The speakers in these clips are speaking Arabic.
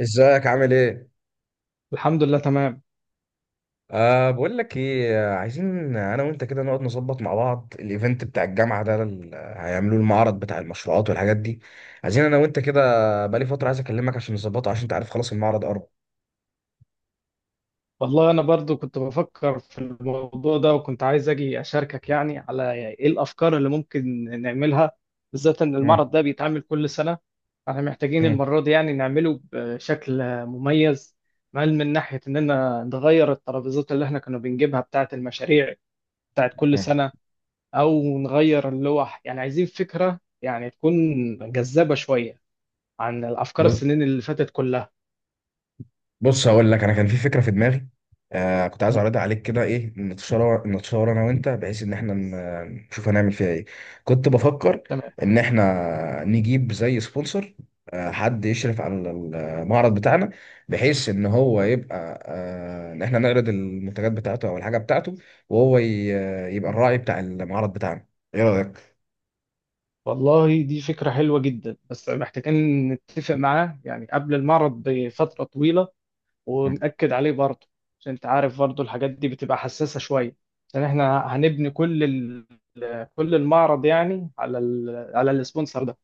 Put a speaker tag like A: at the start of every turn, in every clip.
A: ازيك عامل ايه؟
B: الحمد لله تمام.
A: أه، بقول لك ايه، عايزين انا وانت كده نقعد نظبط مع بعض الايفنت بتاع الجامعه ده، هيعملوه المعرض بتاع المشروعات والحاجات دي. عايزين انا وانت كده. بقالي فتره عايز اكلمك عشان نظبطه، عشان انت عارف خلاص المعرض قرب.
B: والله انا برضو كنت بفكر في الموضوع ده، وكنت عايز اجي اشاركك يعني على ايه الافكار اللي ممكن نعملها، بالذات ان
A: مم.
B: المعرض ده بيتعمل كل سنة. احنا محتاجين
A: مم.
B: المرة دي يعني نعمله بشكل مميز، مال من ناحية اننا نغير الترابيزات اللي احنا كنا بنجيبها بتاعة المشاريع بتاعة كل سنة، او نغير اللوح، يعني عايزين فكرة يعني تكون جذابة شوية عن الافكار
A: مم.
B: السنين اللي فاتت كلها.
A: بص، هقول لك، انا كان في فكره في دماغي. كنت عايز اعرضها عليك، كده ايه، نتشاور انا وانت، بحيث ان احنا نشوف هنعمل فيها ايه. كنت بفكر ان احنا نجيب زي سبونسر، حد يشرف على المعرض بتاعنا، بحيث ان هو
B: تمام.
A: يبقى ان احنا نعرض المنتجات بتاعته او الحاجه بتاعته، وهو يبقى الراعي بتاع المعرض بتاعنا. ايه رايك؟
B: والله دي فكرة حلوة جدا، بس محتاجين نتفق معاه يعني قبل المعرض بفترة طويلة ونأكد عليه برضه، عشان انت عارف برضه الحاجات دي بتبقى حساسة شوية، عشان احنا هنبني كل كل المعرض يعني على على السبونسر ده.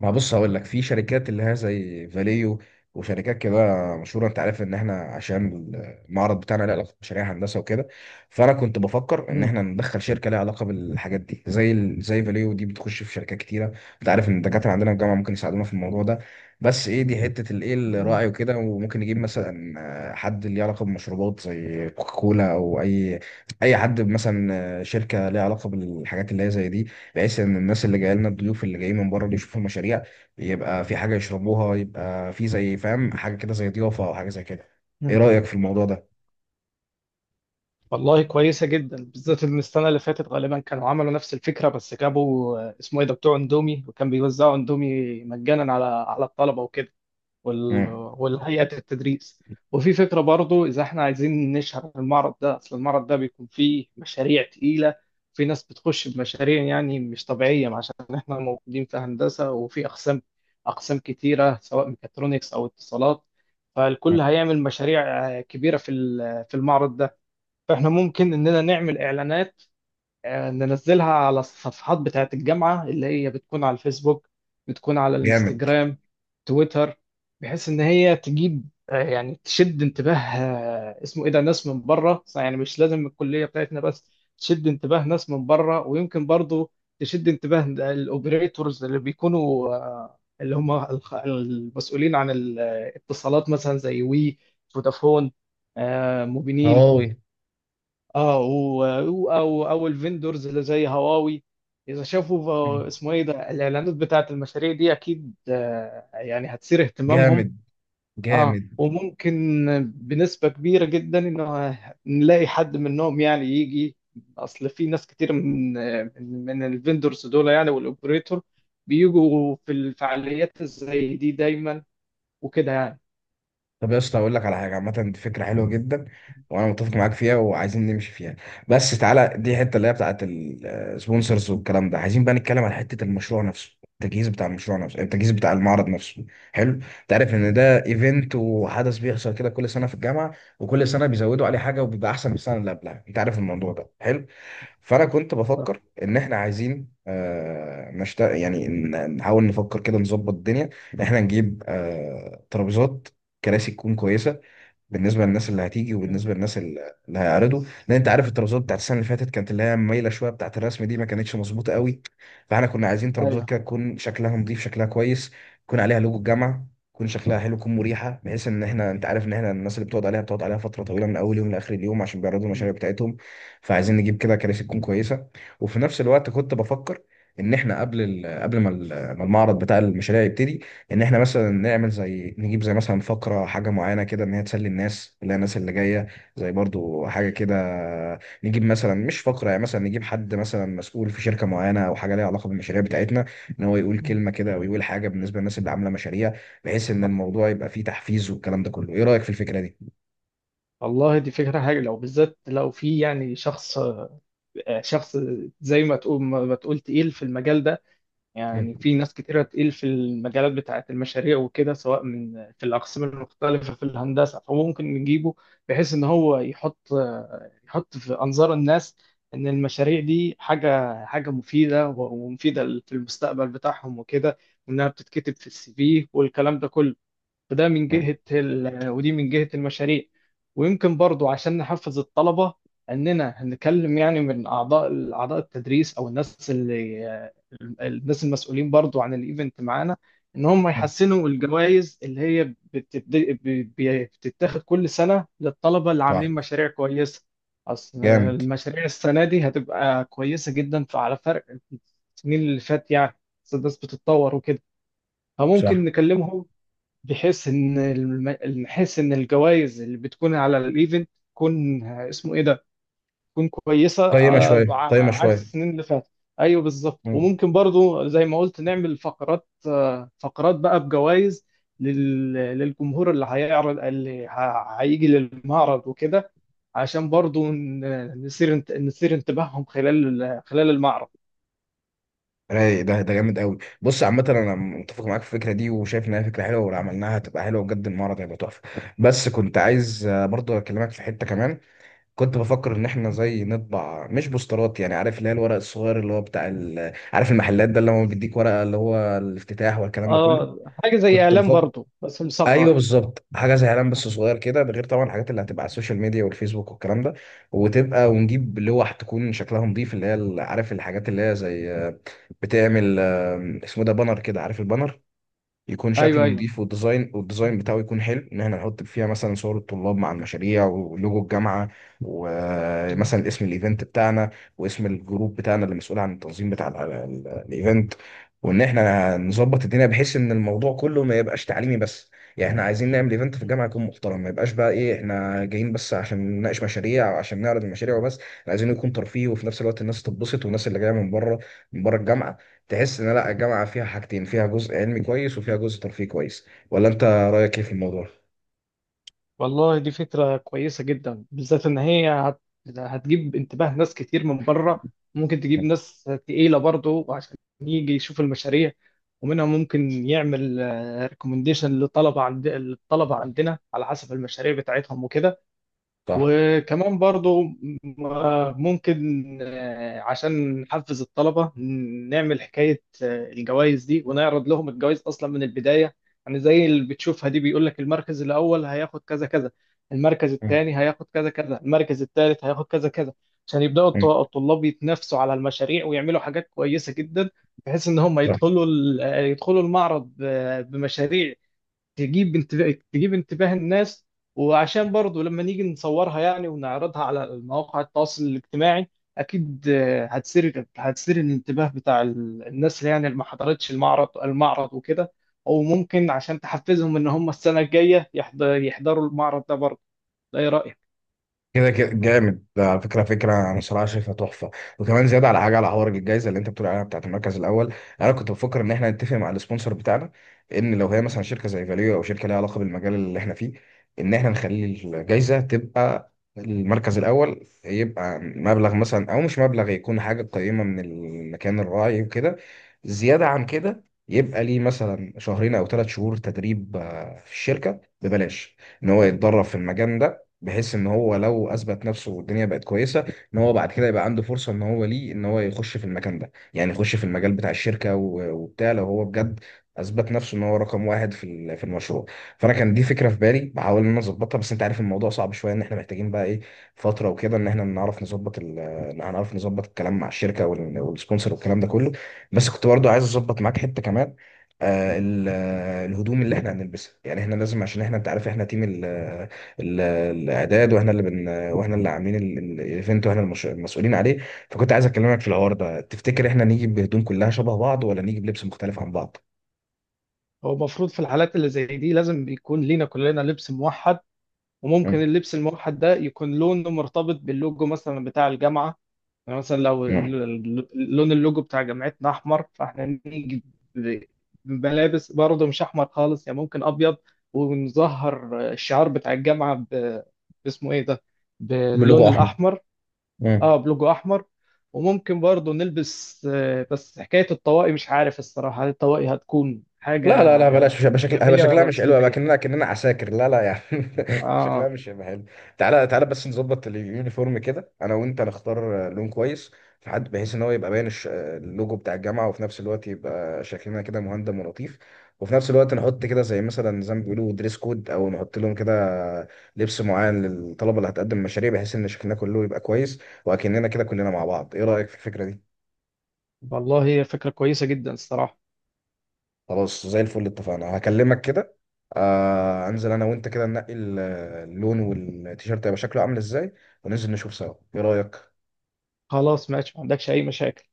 A: ما بص، هقول لك، في شركات اللي هي زي فاليو، وشركات كده مشهوره. انت عارف ان احنا، عشان المعرض بتاعنا له علاقه بمشاريع هندسه وكده، فانا كنت بفكر ان
B: مم.
A: احنا ندخل شركه لها علاقه بالحاجات دي، زي فاليو دي بتخش في شركات كتيره. انت عارف ان الدكاتره عندنا في الجامعه ممكن يساعدونا في الموضوع ده. بس ايه، دي حته الايه الراعي وكده، وممكن نجيب مثلا حد ليه علاقه بمشروبات زي كوكاكولا، او اي، اي حد مثلا، شركه ليها علاقه بالحاجات اللي هي زي دي. بحيث ان الناس اللي جايه لنا، الضيوف اللي جايين من بره، اللي يشوفوا المشاريع، يبقى في حاجه يشربوها، يبقى في زي، فاهم، حاجه كده زي ضيافه او حاجه زي كده. ايه
B: مم.
A: رايك في الموضوع ده؟
B: والله كويسة جدا، بالذات ان السنة اللي فاتت غالبا كانوا عملوا نفس الفكرة، بس جابوا اسمه ايه ده بتوع اندومي، وكان بيوزعوا اندومي مجانا على الطلبة وكده. وال...
A: مم.
B: والهيئة التدريس. وفي فكرة برضو إذا إحنا عايزين نشهر المعرض ده، أصل المعرض ده بيكون فيه مشاريع تقيلة. في ناس بتخش بمشاريع يعني مش طبيعية، عشان إحنا موجودين في هندسة وفي أقسام أقسام كتيرة، سواء ميكاترونكس أو اتصالات.
A: مم.
B: فالكل هيعمل مشاريع كبيرة في المعرض ده. فإحنا ممكن إننا نعمل إعلانات، ننزلها على الصفحات بتاعة الجامعة اللي هي بتكون على الفيسبوك، بتكون على
A: جامد.
B: الانستجرام، تويتر. بحيث إن هي تجيب يعني تشد انتباه، اسمه إيه ده، ناس من بره، يعني مش لازم الكلية بتاعتنا بس، تشد انتباه ناس من بره، ويمكن برضو تشد انتباه الأوبريتورز اللي بيكونوا اللي هم المسؤولين عن الاتصالات، مثلا زي وي، فودافون، موبينيل.
A: هواوي.
B: اه و- او الفندورز اللي زي هواوي، اذا شافوا
A: مم.
B: اسمه ايه ده الاعلانات بتاعت المشاريع دي، اكيد يعني هتثير اهتمامهم.
A: جامد.
B: اه
A: جامد.
B: وممكن بنسبة كبيرة جدا انه نلاقي حد منهم يعني يجي، اصل في ناس كتير من الفندورز دول يعني والاوبريتور، بيجوا في الفعاليات زي دي دايما، وكده يعني.
A: طب، يا اسطى، اقول لك على حاجه، عامه دي فكره حلوه جدا، وانا متفق معاك فيها وعايزين نمشي فيها. بس تعالى، دي الحته اللي هي بتاعت السبونسرز والكلام ده، عايزين بقى نتكلم على حته المشروع نفسه، التجهيز بتاع المشروع نفسه، التجهيز بتاع المعرض نفسه. حلو. تعرف ان
B: مم.
A: ده ايفنت وحدث بيحصل كده كل سنه في الجامعه، وكل سنه بيزودوا عليه حاجه وبيبقى احسن من السنه اللي قبلها. انت عارف الموضوع ده حلو. فانا كنت
B: صح.
A: بفكر ان احنا عايزين يعني نحاول نفكر كده، نظبط الدنيا إن احنا نجيب ترابيزات، كراسي تكون كويسه بالنسبه للناس اللي هتيجي،
B: مم.
A: وبالنسبه للناس اللي هيعرضوا. لان انت عارف الترابيزات بتاعت السنه اللي فاتت كانت اللي هي مايله شويه بتاعت الرسم دي، ما كانتش مظبوطه قوي. فاحنا كنا عايزين ترابيزات
B: ايوه.
A: كده تكون شكلها نظيف، شكلها كويس، يكون عليها لوجو الجامعه، يكون شكلها حلو، يكون مريحه، بحيث ان احنا، انت عارف ان احنا الناس اللي بتقعد عليها، بتقعد عليها فتره طويله من اول يوم لاخر اليوم، عشان بيعرضوا
B: مم.
A: المشاريع بتاعتهم. فعايزين
B: بالظبط.
A: نجيب كده كراسي تكون كويسه. وفي نفس الوقت كنت بفكر ان احنا قبل ما المعرض بتاع المشاريع يبتدي، ان احنا مثلا نعمل زي، نجيب زي مثلا فقره، حاجه معينه كده ان هي تسلي الناس، اللي هي الناس اللي جايه. زي برضو حاجه كده، نجيب مثلا مش فقره، يعني مثلا نجيب حد مثلا مسؤول في شركه معينه، او حاجه ليها علاقه بالمشاريع بتاعتنا، ان هو يقول
B: مم.
A: كلمه كده او يقول حاجه بالنسبه للناس اللي عامله مشاريع، بحيث ان الموضوع يبقى فيه تحفيز والكلام ده كله. ايه رايك في الفكره دي؟
B: والله دي فكرة حاجة، لو بالذات لو في يعني شخص، شخص زي ما تقول ما تقول تقيل في المجال ده، يعني
A: مم.
B: في ناس كتيرة تقيل في المجالات بتاعة المشاريع وكده، سواء من في الأقسام المختلفة في الهندسة، فممكن نجيبه، بحيث إن هو يحط يحط في أنظار الناس، إن المشاريع دي حاجة حاجة مفيدة ومفيدة في المستقبل بتاعهم وكده، وإنها بتتكتب في السي في والكلام ده كله. فده من
A: مم.
B: جهة ودي من جهة المشاريع. ويمكن برضو عشان نحفز الطلبة، أننا هنتكلم يعني من أعضاء أعضاء التدريس، أو الناس المسؤولين برضو عن الإيفنت معانا، إن هم يحسنوا الجوائز اللي هي بتبد... بتتاخد كل سنة للطلبة اللي
A: صح.
B: عاملين مشاريع كويسة. أصل
A: جامد.
B: المشاريع السنة دي هتبقى كويسة جدا، فعلى فرق السنين اللي فات يعني، أصل الناس بتتطور وكده، فممكن
A: صح.
B: نكلمهم، بحيث ان الجوائز اللي بتكون على الايفنت تكون اسمه ايه ده، تكون كويسه،
A: قيمه شويه، قيمه
B: عكس
A: شويه.
B: السنين اللي فاتت. ايوه بالظبط،
A: مم.
B: وممكن برضو زي ما قلت نعمل فقرات، بقى بجوائز للجمهور اللي هيعرض، اللي هيجي للمعرض وكده، عشان برضو نثير نثير انتباههم خلال خلال المعرض.
A: رايق. ده جامد قوي. بص، عامة انا متفق معاك في الفكرة دي، وشايف انها فكرة حلوة، ولو عملناها هتبقى حلوة بجد، المعرض هيبقى تحفة. بس كنت عايز، برضو اكلمك في حتة كمان. كنت بفكر ان احنا زي نطبع، مش بوسترات، يعني عارف اللي هي الورق الصغير، اللي هو بتاع عارف المحلات ده اللي هو بيديك ورقة، اللي هو الافتتاح والكلام ده كله.
B: اه، حاجه زي
A: كنت
B: اعلان
A: بفكر،
B: برضو بس
A: ايوه
B: مصغر.
A: بالظبط، حاجه زي اعلان بس صغير كده. ده غير طبعا الحاجات اللي هتبقى على السوشيال ميديا والفيسبوك والكلام ده. وتبقى، ونجيب لوح تكون شكلها نظيف، اللي هي عارف الحاجات اللي هي زي، بتعمل، اسمه ده بانر كده، عارف البانر، يكون
B: ايوه
A: شكله
B: ايوه.
A: نظيف، والديزاين بتاعه يكون حلو، ان احنا نحط فيها مثلا صور الطلاب مع المشاريع ولوجو الجامعه، ومثلا
B: مم.
A: اسم الايفنت بتاعنا، واسم الجروب بتاعنا اللي مسؤول عن التنظيم بتاع الايفنت. وان احنا نظبط الدنيا بحيث ان الموضوع كله ما يبقاش تعليمي بس. يعني احنا عايزين نعمل ايفنت في
B: مم.
A: الجامعه يكون محترم، ما يبقاش بقى ايه احنا جايين بس عشان نناقش مشاريع، او عشان نعرض المشاريع وبس. إحنا عايزين يكون ترفيه، وفي نفس الوقت الناس تتبسط، والناس اللي جايه من بره الجامعه تحس ان لا، الجامعه فيها حاجتين، فيها جزء علمي كويس وفيها جزء ترفيه كويس. ولا انت رايك ايه في الموضوع؟
B: والله دي فكرة كويسة جدا، بالذات إن هي هتجيب انتباه ناس كتير من بره، ممكن تجيب ناس تقيلة برضه، وعشان يجي يشوف المشاريع، ومنها ممكن يعمل ريكومنديشن لطلبة عند الطلبة عندنا على حسب المشاريع بتاعتهم وكده.
A: صح.
B: وكمان برضو ممكن عشان نحفز الطلبة نعمل حكاية الجوائز دي، ونعرض لهم الجوائز أصلا من البداية، يعني زي اللي بتشوفها دي بيقول لك المركز الأول هياخد كذا كذا، المركز
A: مم.
B: الثاني هياخد كذا كذا، المركز الثالث هياخد كذا كذا. عشان يبدأوا
A: مم.
B: الطلاب يتنافسوا على المشاريع، ويعملوا حاجات كويسة جدا، بحيث إن هم يدخلوا يدخلوا المعرض بمشاريع تجيب انتباه تجيب انتباه الناس. وعشان برضو لما نيجي نصورها يعني، ونعرضها على مواقع التواصل الاجتماعي، اكيد هتثير هتثير الانتباه بتاع الناس، اللي يعني اللي ما حضرتش المعرض المعرض وكده، او ممكن عشان تحفزهم ان هم السنة الجاية يحضروا المعرض ده برضه. ده ايه رأيك؟
A: كده جامد، ده على فكره انا صراحه شايفها تحفه. وكمان زياده، على حاجه، على حوار الجائزه اللي انت بتقول عليها بتاعت المركز الاول، انا كنت بفكر ان احنا نتفق مع السبونسر بتاعنا، ان لو هي مثلا شركه زي فاليو، او شركه ليها علاقه بالمجال اللي احنا فيه، ان احنا نخلي الجائزه تبقى، المركز الاول يبقى مبلغ مثلا، او مش مبلغ، يكون حاجه قيمه من المكان الراعي وكده. زياده عن كده، يبقى ليه مثلا شهرين او 3 شهور تدريب في الشركه ببلاش، ان هو
B: مم.
A: يتدرب في المجال ده، بحيث ان هو لو اثبت نفسه والدنيا بقت كويسه، ان هو بعد كده يبقى عنده فرصه، ان هو ليه، ان هو يخش في المكان ده، يعني يخش في المجال بتاع الشركه، وبتاع، لو هو بجد اثبت نفسه ان هو رقم واحد في المشروع. فانا كان دي فكره في بالي، بحاول ان انا اظبطها، بس انت عارف الموضوع صعب شويه، ان احنا محتاجين بقى ايه، فتره وكده ان احنا نعرف نظبط ان هنعرف نظبط الكلام مع الشركه والسبونسر والكلام ده كله. بس كنت برضو عايز اظبط معاك حته كمان. الهدوم اللي احنا هنلبسها، يعني احنا لازم، عشان احنا، انت عارف احنا تيم الاعداد، واحنا اللي بن، واحنا اللي عاملين الايفنت، واحنا المسؤولين عليه. فكنت عايز اكلمك في الحوار ده. تفتكر احنا نيجي بهدوم كلها شبه بعض، ولا نيجي بلبس مختلف عن بعض؟
B: هو المفروض في الحالات اللي زي دي لازم يكون لينا كلنا لبس موحد، وممكن
A: مم.
B: اللبس الموحد ده يكون لونه مرتبط باللوجو مثلا بتاع الجامعة. يعني مثلا لو
A: مم.
B: لون اللوجو بتاع جامعتنا احمر، فاحنا نيجي ب- بملابس برضه مش احمر خالص، يعني ممكن ابيض، ونظهر الشعار بتاع الجامعه باسمه ايه ده، باللون
A: بلوجو احمر.
B: الاحمر.
A: مم.
B: اه، بلوجو احمر. وممكن برضه نلبس، بس حكايه الطواقي مش عارف الصراحه، هل الطواقي هتكون
A: لا،
B: حاجه
A: لا، لا، بلاش، مش هيبقى شكل، هيبقى
B: ايجابيه
A: شكلها
B: ولا
A: مش حلو، هيبقى
B: سلبيه؟
A: كأننا عساكر. لا، لا، يعني. شكلها
B: اه.
A: مش هيبقى حلو. تعالى تعالى، بس نظبط اليونيفورم كده انا وانت، نختار لون كويس، في حد، بحيث ان هو يبقى باين اللوجو بتاع الجامعة، وفي نفس الوقت يبقى شكلنا كده مهندم ولطيف. وفي نفس الوقت نحط كده، زي مثلا، زي ما بيقولوا دريس كود، او نحط لهم كده لبس معين للطلبة اللي هتقدم مشاريع، بحيث ان شكلنا كله يبقى كويس، واكننا كده كلنا مع بعض. ايه رأيك في الفكرة دي؟
B: والله هي فكره كويسه جدا الصراحه.
A: خلاص، زي الفل، اتفقنا، هكلمك كده. انزل انا وانت كده ننقي اللون، والتيشيرت هيبقى شكله عامل ازاي، وننزل نشوف سوا. ايه رأيك؟
B: خلاص، ماشي، ما عندكش اي مشاكل.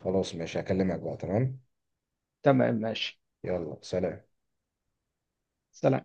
A: خلاص ماشي، هكلمك بقى. تمام.
B: تمام، ماشي.
A: يلا، سلام.
B: سلام.